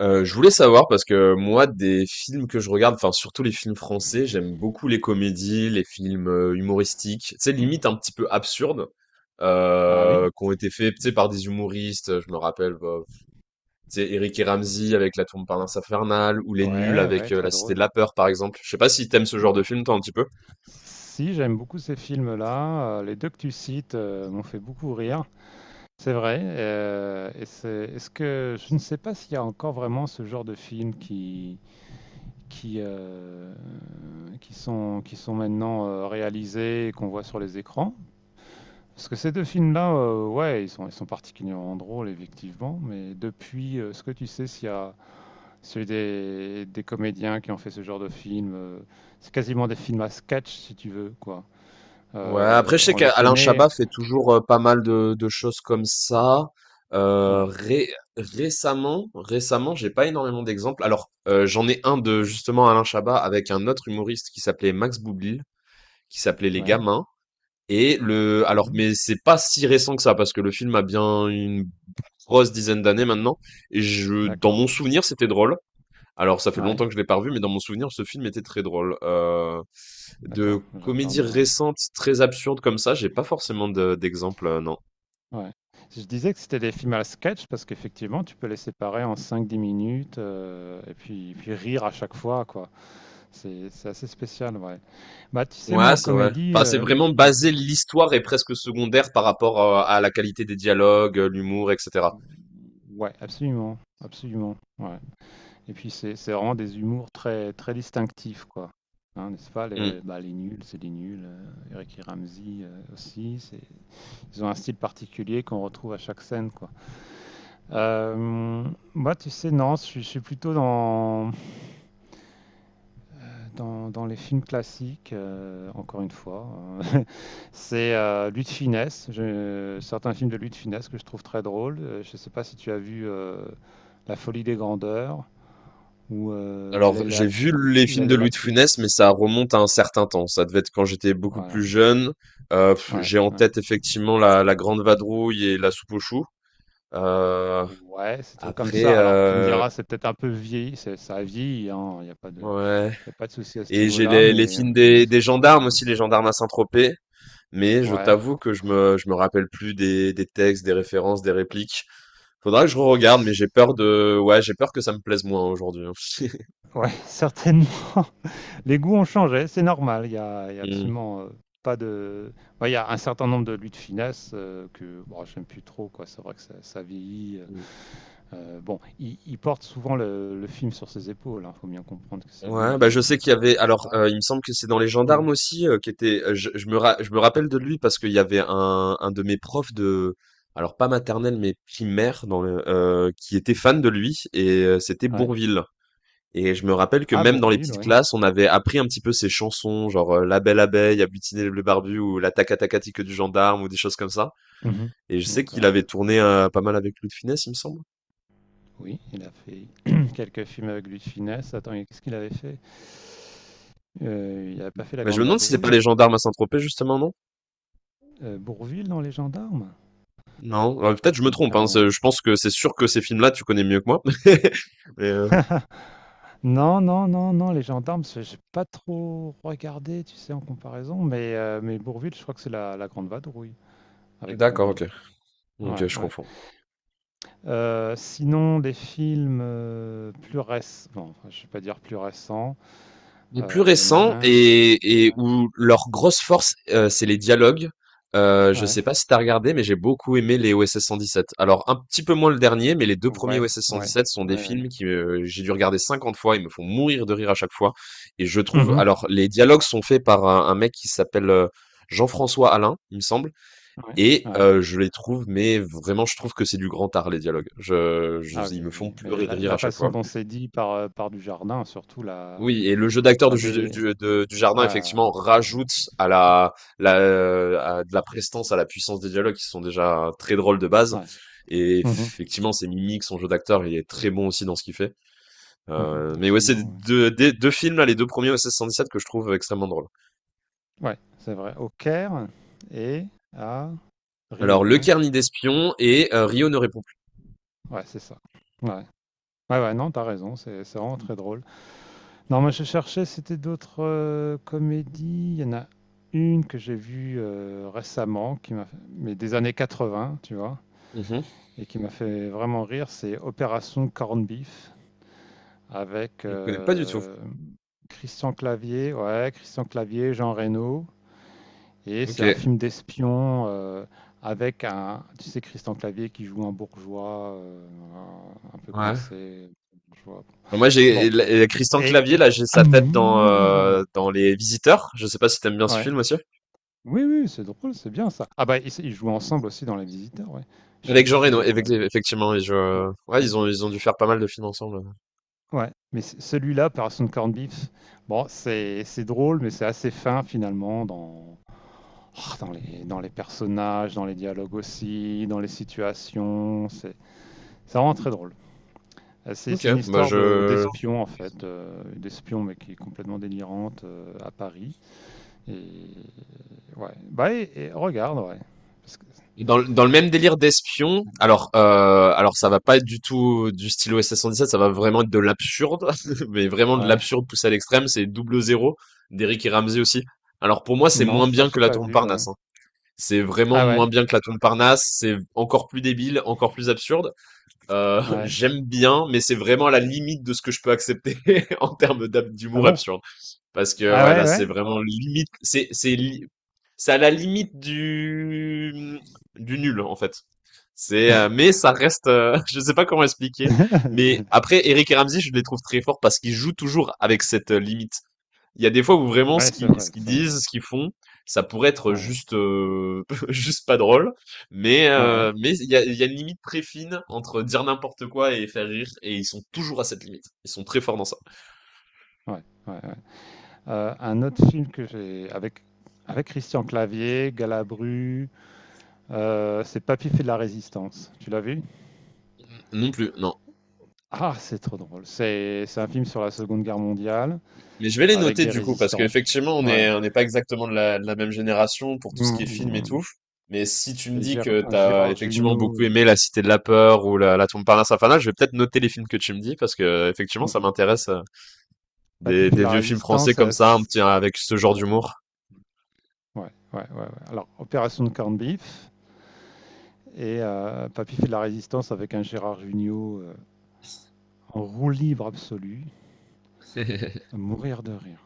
Je voulais savoir, parce que moi, des films que je regarde, enfin surtout les films français, j'aime beaucoup les comédies, les films, humoristiques, tu sais, limite un petit peu absurdes, Ah oui, qui ont été faits, tu sais, par des humoristes. Je me rappelle, bah, tu sais, Éric et Ramzy avec La Tour Montparnasse Infernale, ou Les Nuls ouais, ouais, avec, très La Cité de drôle. la Peur par exemple. Je sais pas si t'aimes ce genre Ouais. de film, toi, un petit peu? Si, j'aime beaucoup ces films-là. Les deux que tu cites, m'ont fait beaucoup rire. C'est vrai. Est-ce que je ne sais pas s'il y a encore vraiment ce genre de films qui qui sont maintenant réalisés et qu'on voit sur les écrans. Parce que ces deux films-là, ouais, ils sont particulièrement drôles effectivement. Mais depuis, est-ce que tu sais s'il y a celui des, comédiens qui ont fait ce genre de film. C'est quasiment des films à sketch, si tu veux, quoi. Ouais, après, je sais On les qu'Alain Chabat connaît. fait toujours pas mal de choses comme ça. Euh, Ouais. ré- récemment, récemment, j'ai pas énormément d'exemples. Alors, j'en ai un, de Non. justement Alain Chabat, avec un autre humoriste qui s'appelait Max Boublil, qui s'appelait Les Ouais. Gamins. Alors, Mhm. mais c'est pas si récent que ça, parce que le film a bien une grosse dizaine d'années maintenant. Et dans D'accord, mon souvenir, c'était drôle. Alors ça fait ouais, longtemps que je l'ai pas revu, mais dans mon souvenir, ce film était très drôle. D'accord, De je comédies regarderai. récentes, très absurdes comme ça, j'ai pas forcément d'exemple, non. Ouais. Je disais que c'était des films à sketch parce qu'effectivement, tu peux les séparer en cinq dix minutes et puis, rire à chaque fois, quoi. C'est assez spécial, ouais. Bah, tu sais, moi, Ouais, en c'est vrai. comédie, Enfin, c'est vraiment ouais, basé, l'histoire est presque secondaire par rapport à la qualité des dialogues, l'humour, etc. ouais, absolument, absolument, ouais. Et puis c'est vraiment des humours très très distinctifs, quoi, hein, n'est-ce pas? Les, Mm, bah, les nuls, c'est des nuls. Eric et Ramzy aussi, ils ont un style particulier qu'on retrouve à chaque scène, quoi. mm. Euh, Moi, tu sais, non, je suis plutôt dans, dans les films classiques. Encore une fois, hein. C'est Louis de Funès. Certains films de Louis de Funès que je trouve très drôles. Je ne sais pas si tu as vu La Folie des Grandeurs ou Alors, j'ai vu les films L'aile de à la Louis de Funès, mais cuisse. ça remonte à un certain temps. Ça devait être quand j'étais beaucoup Voilà. plus jeune. Ouais, J'ai en ouais. tête effectivement la Grande Vadrouille et la Soupe aux Choux. Euh, Ouais, ces trucs comme Après, ça. Alors, tu me diras, c'est peut-être un peu vieilli, ça a vieilli, hein. Il n'y a pas de, ouais. il y a pas de souci à ce Et j'ai niveau-là, les mais films il y en a des gendarmes aussi, les gendarmes à Saint-Tropez. Mais je Ouais, t'avoue que je me rappelle plus des textes, des références, des répliques. Faudra que je re-regarde, mais j'ai peur de, ouais, j'ai peur que ça me plaise moins aujourd'hui, hein. ouais, certainement. Les goûts ont changé, c'est normal. Il y a, il y a Mm. absolument pas de. Ouais, il y a un certain nombre de luttes finesse que bon, j'aime plus trop, quoi. C'est vrai que ça vieillit. Mm. Bon, il porte souvent le film sur ses épaules. Il faut bien comprendre que c'est lui Ouais, qui est bah je sais un qu'il y petit peu avait. la Alors, star. Il me semble que c'est dans les Ouais. gendarmes aussi, qui était. Je me rappelle de lui, parce qu'il y avait un de mes profs de. Alors, pas maternelle mais primaire, dans le, qui était fan de lui, et c'était Ouais. Bourvil. Et je me rappelle que Ah, même dans les Bourvil, petites oui. classes, on avait appris un petit peu ces chansons, genre La Belle Abeille, Agglutiner les Bleus Barbus, ou La Tacatacatique du Gendarme, ou des choses comme ça. Mmh. Et je sais qu'il D'accord. avait tourné pas mal avec Louis de Funès, il me semble. Oui, il a fait quelques films avec Louis de Funès. Attends, et qu'est-ce qu'il avait fait? Il n'avait pas fait La Mais je me Grande demande si c'est pas Vadrouille? les gendarmes à Saint-Tropez justement, non? Bourvil dans Les Gendarmes? Non, ouais, Ah, peut-être je me ça me dit trompe, hein. rien. Je pense que c'est sûr que ces films-là, tu connais mieux que moi. Mais, Non, non, non, non, Les Gendarmes, c'est j'ai pas trop regardé, tu sais, en comparaison, mais Bourvil, je crois que c'est La Grande Vadrouille avec d'accord, Bourvil. ok. Donc Ouais, je ouais. confonds. Sinon des films, plus récents. Bon, enfin, je vais pas dire plus récents. Les plus Il y en a récents un. et Ouais. où leur grosse force, c'est les dialogues. Je Ouais. sais pas si t'as regardé, mais j'ai beaucoup aimé les OSS 117. Alors, un petit peu moins le dernier, mais les deux premiers Ouais, OSS ouais. 117 sont des Ouais, ouais. films qui, j'ai dû regarder 50 fois. Ils me font mourir de rire à chaque fois, et je trouve, Mmh. alors, les dialogues sont faits par un mec qui s'appelle, Jean-François Alain, il me semble, Ouais, et ouais. Je les trouve, mais vraiment, je trouve que c'est du grand art, les dialogues. Je Ah Ils oui, me font oui, mais pleurer de la rire la à chaque façon fois. dont c'est dit par, par du jardin, surtout la Oui, et le jeu d'acteur de la ju dé du de Dujardin ouais, effectivement on rajoute à la à de la prestance, à la puissance des dialogues, qui sont déjà très drôles de base, ouais. et Mmh mh. effectivement ses mimiques, son jeu d'acteur, il est très bon aussi dans ce qu'il fait. Mmh. Mais ouais, c'est Absolument, ouais. 2 des 2 films là, les 2 premiers OSS 117 que je trouve extrêmement drôles. Ouais, c'est vrai. Au Caire et à Alors Rio, Le non? Carnet d'espions et Rio ne répond plus. Ouais, c'est ça. Ouais. Ouais, ouais, non, t'as raison, c'est vraiment très drôle. Non, moi, je cherchais, c'était d'autres, comédies. Il y en a une que j'ai vue, récemment qui m'a f mais des années 80, tu vois? Mmh. Et qui m'a fait vraiment rire, c'est Opération Corned Beef avec Je connais pas du tout. Christian Clavier, ouais, Christian Clavier, Jean Reno. Et c'est un OK. film d'espion avec un, tu sais, Christian Clavier qui joue un bourgeois un peu Ouais. coincé. Bourgeois. Moi, j'ai et Bon, la et Christian et, Clavier et là, j'ai à sa tête dans, mourir de rire. Dans Les Visiteurs. Je sais pas si tu aimes bien ce Ouais. film aussi? Oui, oui, c'est drôle, c'est bien ça. Ah bah, ils jouent ensemble aussi dans Les Visiteurs, ouais. Je suis Avec je Jean suis Reno, bête, bah oui. effectivement, et Ouais, je... ouais, ouais. Ils ont dû faire pas mal de films ensemble. Ouais, mais celui-là, Operation Corned Beef, bon, c'est drôle, mais c'est assez fin finalement dans les personnages, dans les dialogues aussi, dans les situations. C'est vraiment très drôle. Euh, C'est Ok, c'est une bah histoire de je... d'espion en fait, d'espion mais qui est complètement délirante à Paris. Et ouais, bah et regarde, ouais. Parce que- Dans le même délire d'espion, alors ça va pas être du tout du style OSS 117, ça va vraiment être de l'absurde, mais vraiment de Ouais, l'absurde poussé à l'extrême, c'est Double Zéro, d'Eric et Ramsey aussi. Alors pour moi, c'est non, moins ça bien que j'ai La pas Tombe vu, ouais. Parnasse, hein. C'est vraiment Ah moins ouais, bien que La Tombe Parnasse, c'est encore plus débile, encore plus absurde. Ouais. J'aime bien, mais c'est vraiment à la limite de ce que je peux accepter en termes Ah d'humour bon? absurde. Parce que Ah ouais, ouais, là, c'est ouais. vraiment limite. C'est à la limite du nul, en fait. Mais ça reste, je sais pas comment expliquer. Mais après, Eric et Ramsey, je les trouve très forts parce qu'ils jouent toujours avec cette limite. Il y a des fois où vraiment Ouais, c'est vrai, ce qu'ils c'est vrai. disent, ce qu'ils font, ça pourrait être Ouais. juste, juste pas drôle. Ouais, Mais il y a une limite très fine entre dire n'importe quoi et faire rire. Et ils sont toujours à cette limite. Ils sont très forts dans ça. ouais, ouais, ouais. Un autre film que j'ai avec Christian Clavier, Galabru, c'est Papy fait de la résistance. Tu l'as vu? Non plus, non. Ah, c'est trop drôle. C'est un film sur la Seconde Guerre mondiale Mais je vais les avec noter des du coup, parce résistants. qu'effectivement, Ouais. On n'est pas exactement de la même génération pour tout ce Mmh, qui est mmh, film et mmh. tout. Mais si tu me Et dis que t'as Gérard effectivement Jugnot, beaucoup aimé La Cité de la Peur ou la Tombe Parnasse Infernale, je vais peut-être noter les films que tu me dis, parce que effectivement, mmh ça mh. m'intéresse, Papy fait de des la vieux films français résistance, comme ça, un c petit, avec ce c'est genre très drôle. d'humour. Ouais, ouais, ouais, ouais. Alors Opération de corned beef et Papy fait de la résistance avec un Gérard Jugnot, en roue libre absolue. À mourir de rire.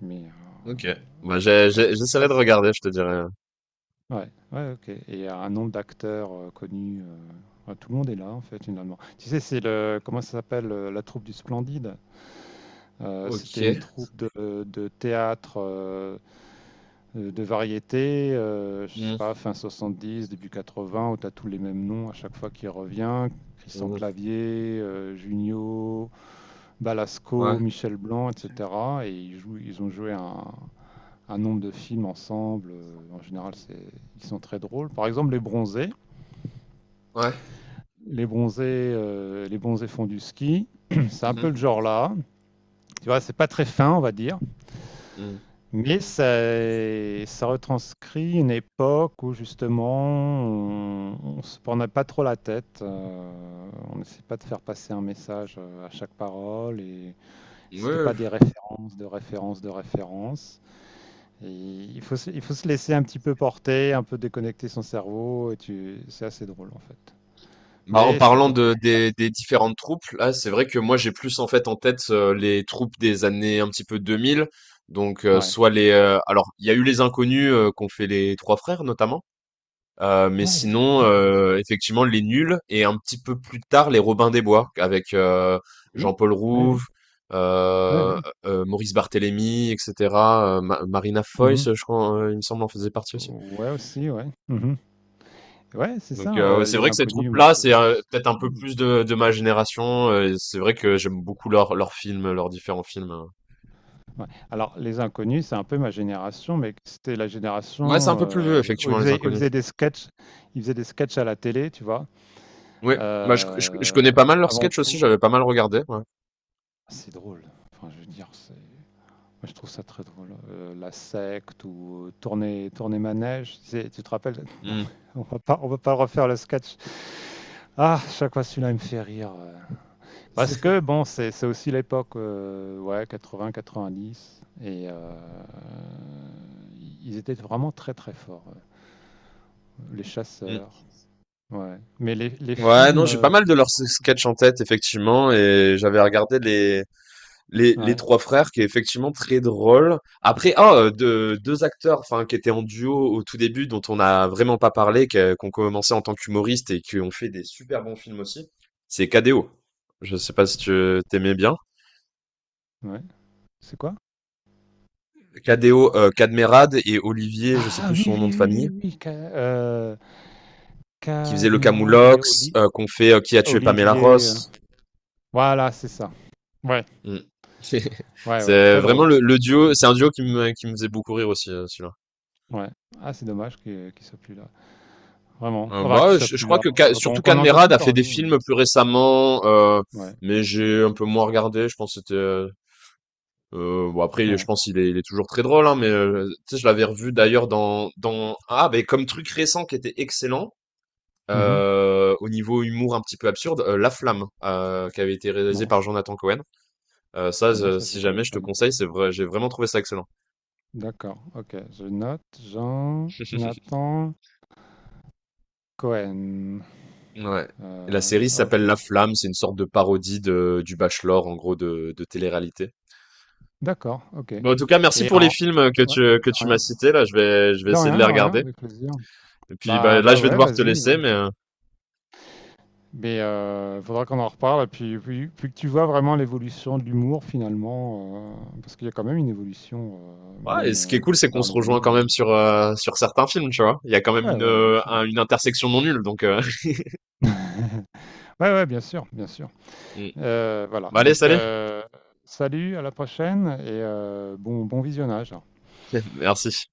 Mais Ok. Bah, voilà, ça se j'essaierai de passe. regarder, je te dirai. Ouais, ouais, ok. Et il y a un nombre d'acteurs connus. Ouais, tout le monde est là, en fait, finalement. Tu sais, c'est le. Comment ça s'appelle La troupe du Splendide. C'était Ok. une troupe de théâtre de variété, je sais Mm. pas, fin 70, début 80, où tu as tous les mêmes noms à chaque fois qu'il revient. Christian Mm. Clavier, Junio, Ouais. Balasco, Michel Blanc, etc. Et ils ont joué un nombre de films ensemble. En général, ils sont très drôles. Par exemple, Les Bronzés. Ouais. Les Bronzés, les Bronzés font du ski. C'est un peu le Mhm. genre là. Tu vois, c'est pas très fin, on va dire, mais ça retranscrit une époque où justement on se prenait pas trop la tête. On n'essayait pas de faire passer un message à chaque parole et Mm. c'était Ouais. pas des références, de références, de références. Et il faut se laisser un petit peu porter, un peu déconnecter son cerveau, et tu... c'est assez drôle en fait. Bah, en Mais c'est parlant de totalement. Des différentes troupes, là, c'est vrai que moi, j'ai plus en fait en tête, les troupes des années un petit peu 2000. Donc Ouais. soit les, alors il y a eu les inconnus, qu'ont fait les trois frères notamment, mais Ouais, les sinon, inconnus, oui. Effectivement les nuls, et un petit peu plus tard les Robins des Bois avec, Oui, Jean-Paul oui, oui. Rouve, Ouais, euh, ouais. Maurice Barthélémy, etc. Marina Mhm. Foïs, je crois, il me semble, en faisait partie aussi. Ouais, aussi, ouais. Mhm. Ouais, c'est Donc, ça, ouais, c'est les vrai que ces inconnus. Troupes-là, c'est peut-être un peu Hmm. plus de ma génération. Et c'est vrai que j'aime beaucoup leurs films, leurs différents films. Ouais. Alors, les inconnus, c'est un peu ma génération, mais c'était la Ouais, c'est un génération peu plus vieux, où effectivement, ils Les faisaient, ils Inconnus. faisaient des sketchs, ils faisaient des sketchs à la télé, tu vois. Ouais, bah, je Euh, connais pas mal leurs Avant sketchs tout, aussi, j'avais pas mal regardé. Ouais. c'est drôle. Enfin, je veux dire, moi, je trouve ça très drôle. La secte ou tourner manège. Tu sais, tu te rappelles? Non, Hmm. on va pas refaire le sketch. Ah, chaque fois celui-là, il me fait rire. Parce que bon, c'est aussi l'époque, ouais, quatre-vingts, quatre-vingt-dix. Et ils étaient vraiment très, très forts. Les Mm. chasseurs. Ouais. Mais les Ouais, non, films. j'ai pas mal de leurs sketchs en tête, effectivement, et j'avais regardé les... Les Ouais, trois frères, qui est effectivement très drôle. Après, ah, deux acteurs, enfin, qui étaient en duo au tout début, dont on n'a vraiment pas parlé, qui ont commencé en tant qu'humoristes et qui ont fait des super bons films aussi, c'est Cadéo. Je sais pas si tu t'aimais bien. ouais. C'est quoi? Cadéo, Cadmerad et Olivier, je sais Ah plus oui, oui, son nom de oui, oui, famille, oui. Oui, qui faisait le Cadmerade et Camoulox, qu'on fait, Qui a tué Pamela Olivier. Ross. Voilà, c'est ça. Ouais, Mm. ouais, ouais, C'est très vraiment drôle. Le duo, Mm. c'est un duo qui me faisait beaucoup rire aussi, celui-là. Ouais. Ah, c'est dommage qu'il soit plus là. Vraiment. Enfin, qu'il Bah, soit je plus crois là. que surtout Qu'on n'entend Merad plus a fait des parler. films plus récemment, Ouais, mais j'ai un peu moins regardé. Je pense que c'était. Bon, après, je ouais. pense il est toujours très drôle, hein, mais tu sais, je l'avais revu d'ailleurs dans, ah ben, comme truc récent qui était excellent, Mhm. Au niveau humour un petit peu absurde, La Flamme, qui avait été réalisé Non, par c'est- Jonathan Cohen. Ah non, ça je Si jamais, connais je te pas, dis conseille, donc. c'est vrai, j'ai vraiment trouvé ça excellent. D'accord, ok. Je note Jean Nathan Cohen. Ouais. La Euh, série ok. s'appelle La Flamme, c'est une sorte de parodie du Bachelor, en gros, de télé-réalité. D'accord, ok. Bon, en tout cas, merci Et pour les en. films Ouais, que de tu m'as rien. cités. Là, je vais De essayer de rien, les de rien, regarder. avec plaisir. Et puis, Bah, bah, là, bah je vais ouais, devoir te vas-y, laisser. hein. Mais Mais il faudra qu'on en reparle. Et puis que tu vois vraiment l'évolution de l'humour finalement, parce qu'il y a quand même une évolution, euh, ouais, et même ce qui euh, est cool, à c'est qu'on travers se les rejoint années, quand même hein. sur, sur certains films, tu vois. Il y a quand même Ouais, ouais, bien sûr. Une intersection non nulle. Donc, Ouais, ouais, bien sûr, bien sûr. Mm. Voilà, Bah, allez, donc salut. Salut, à la prochaine et bon, bon visionnage. Merci.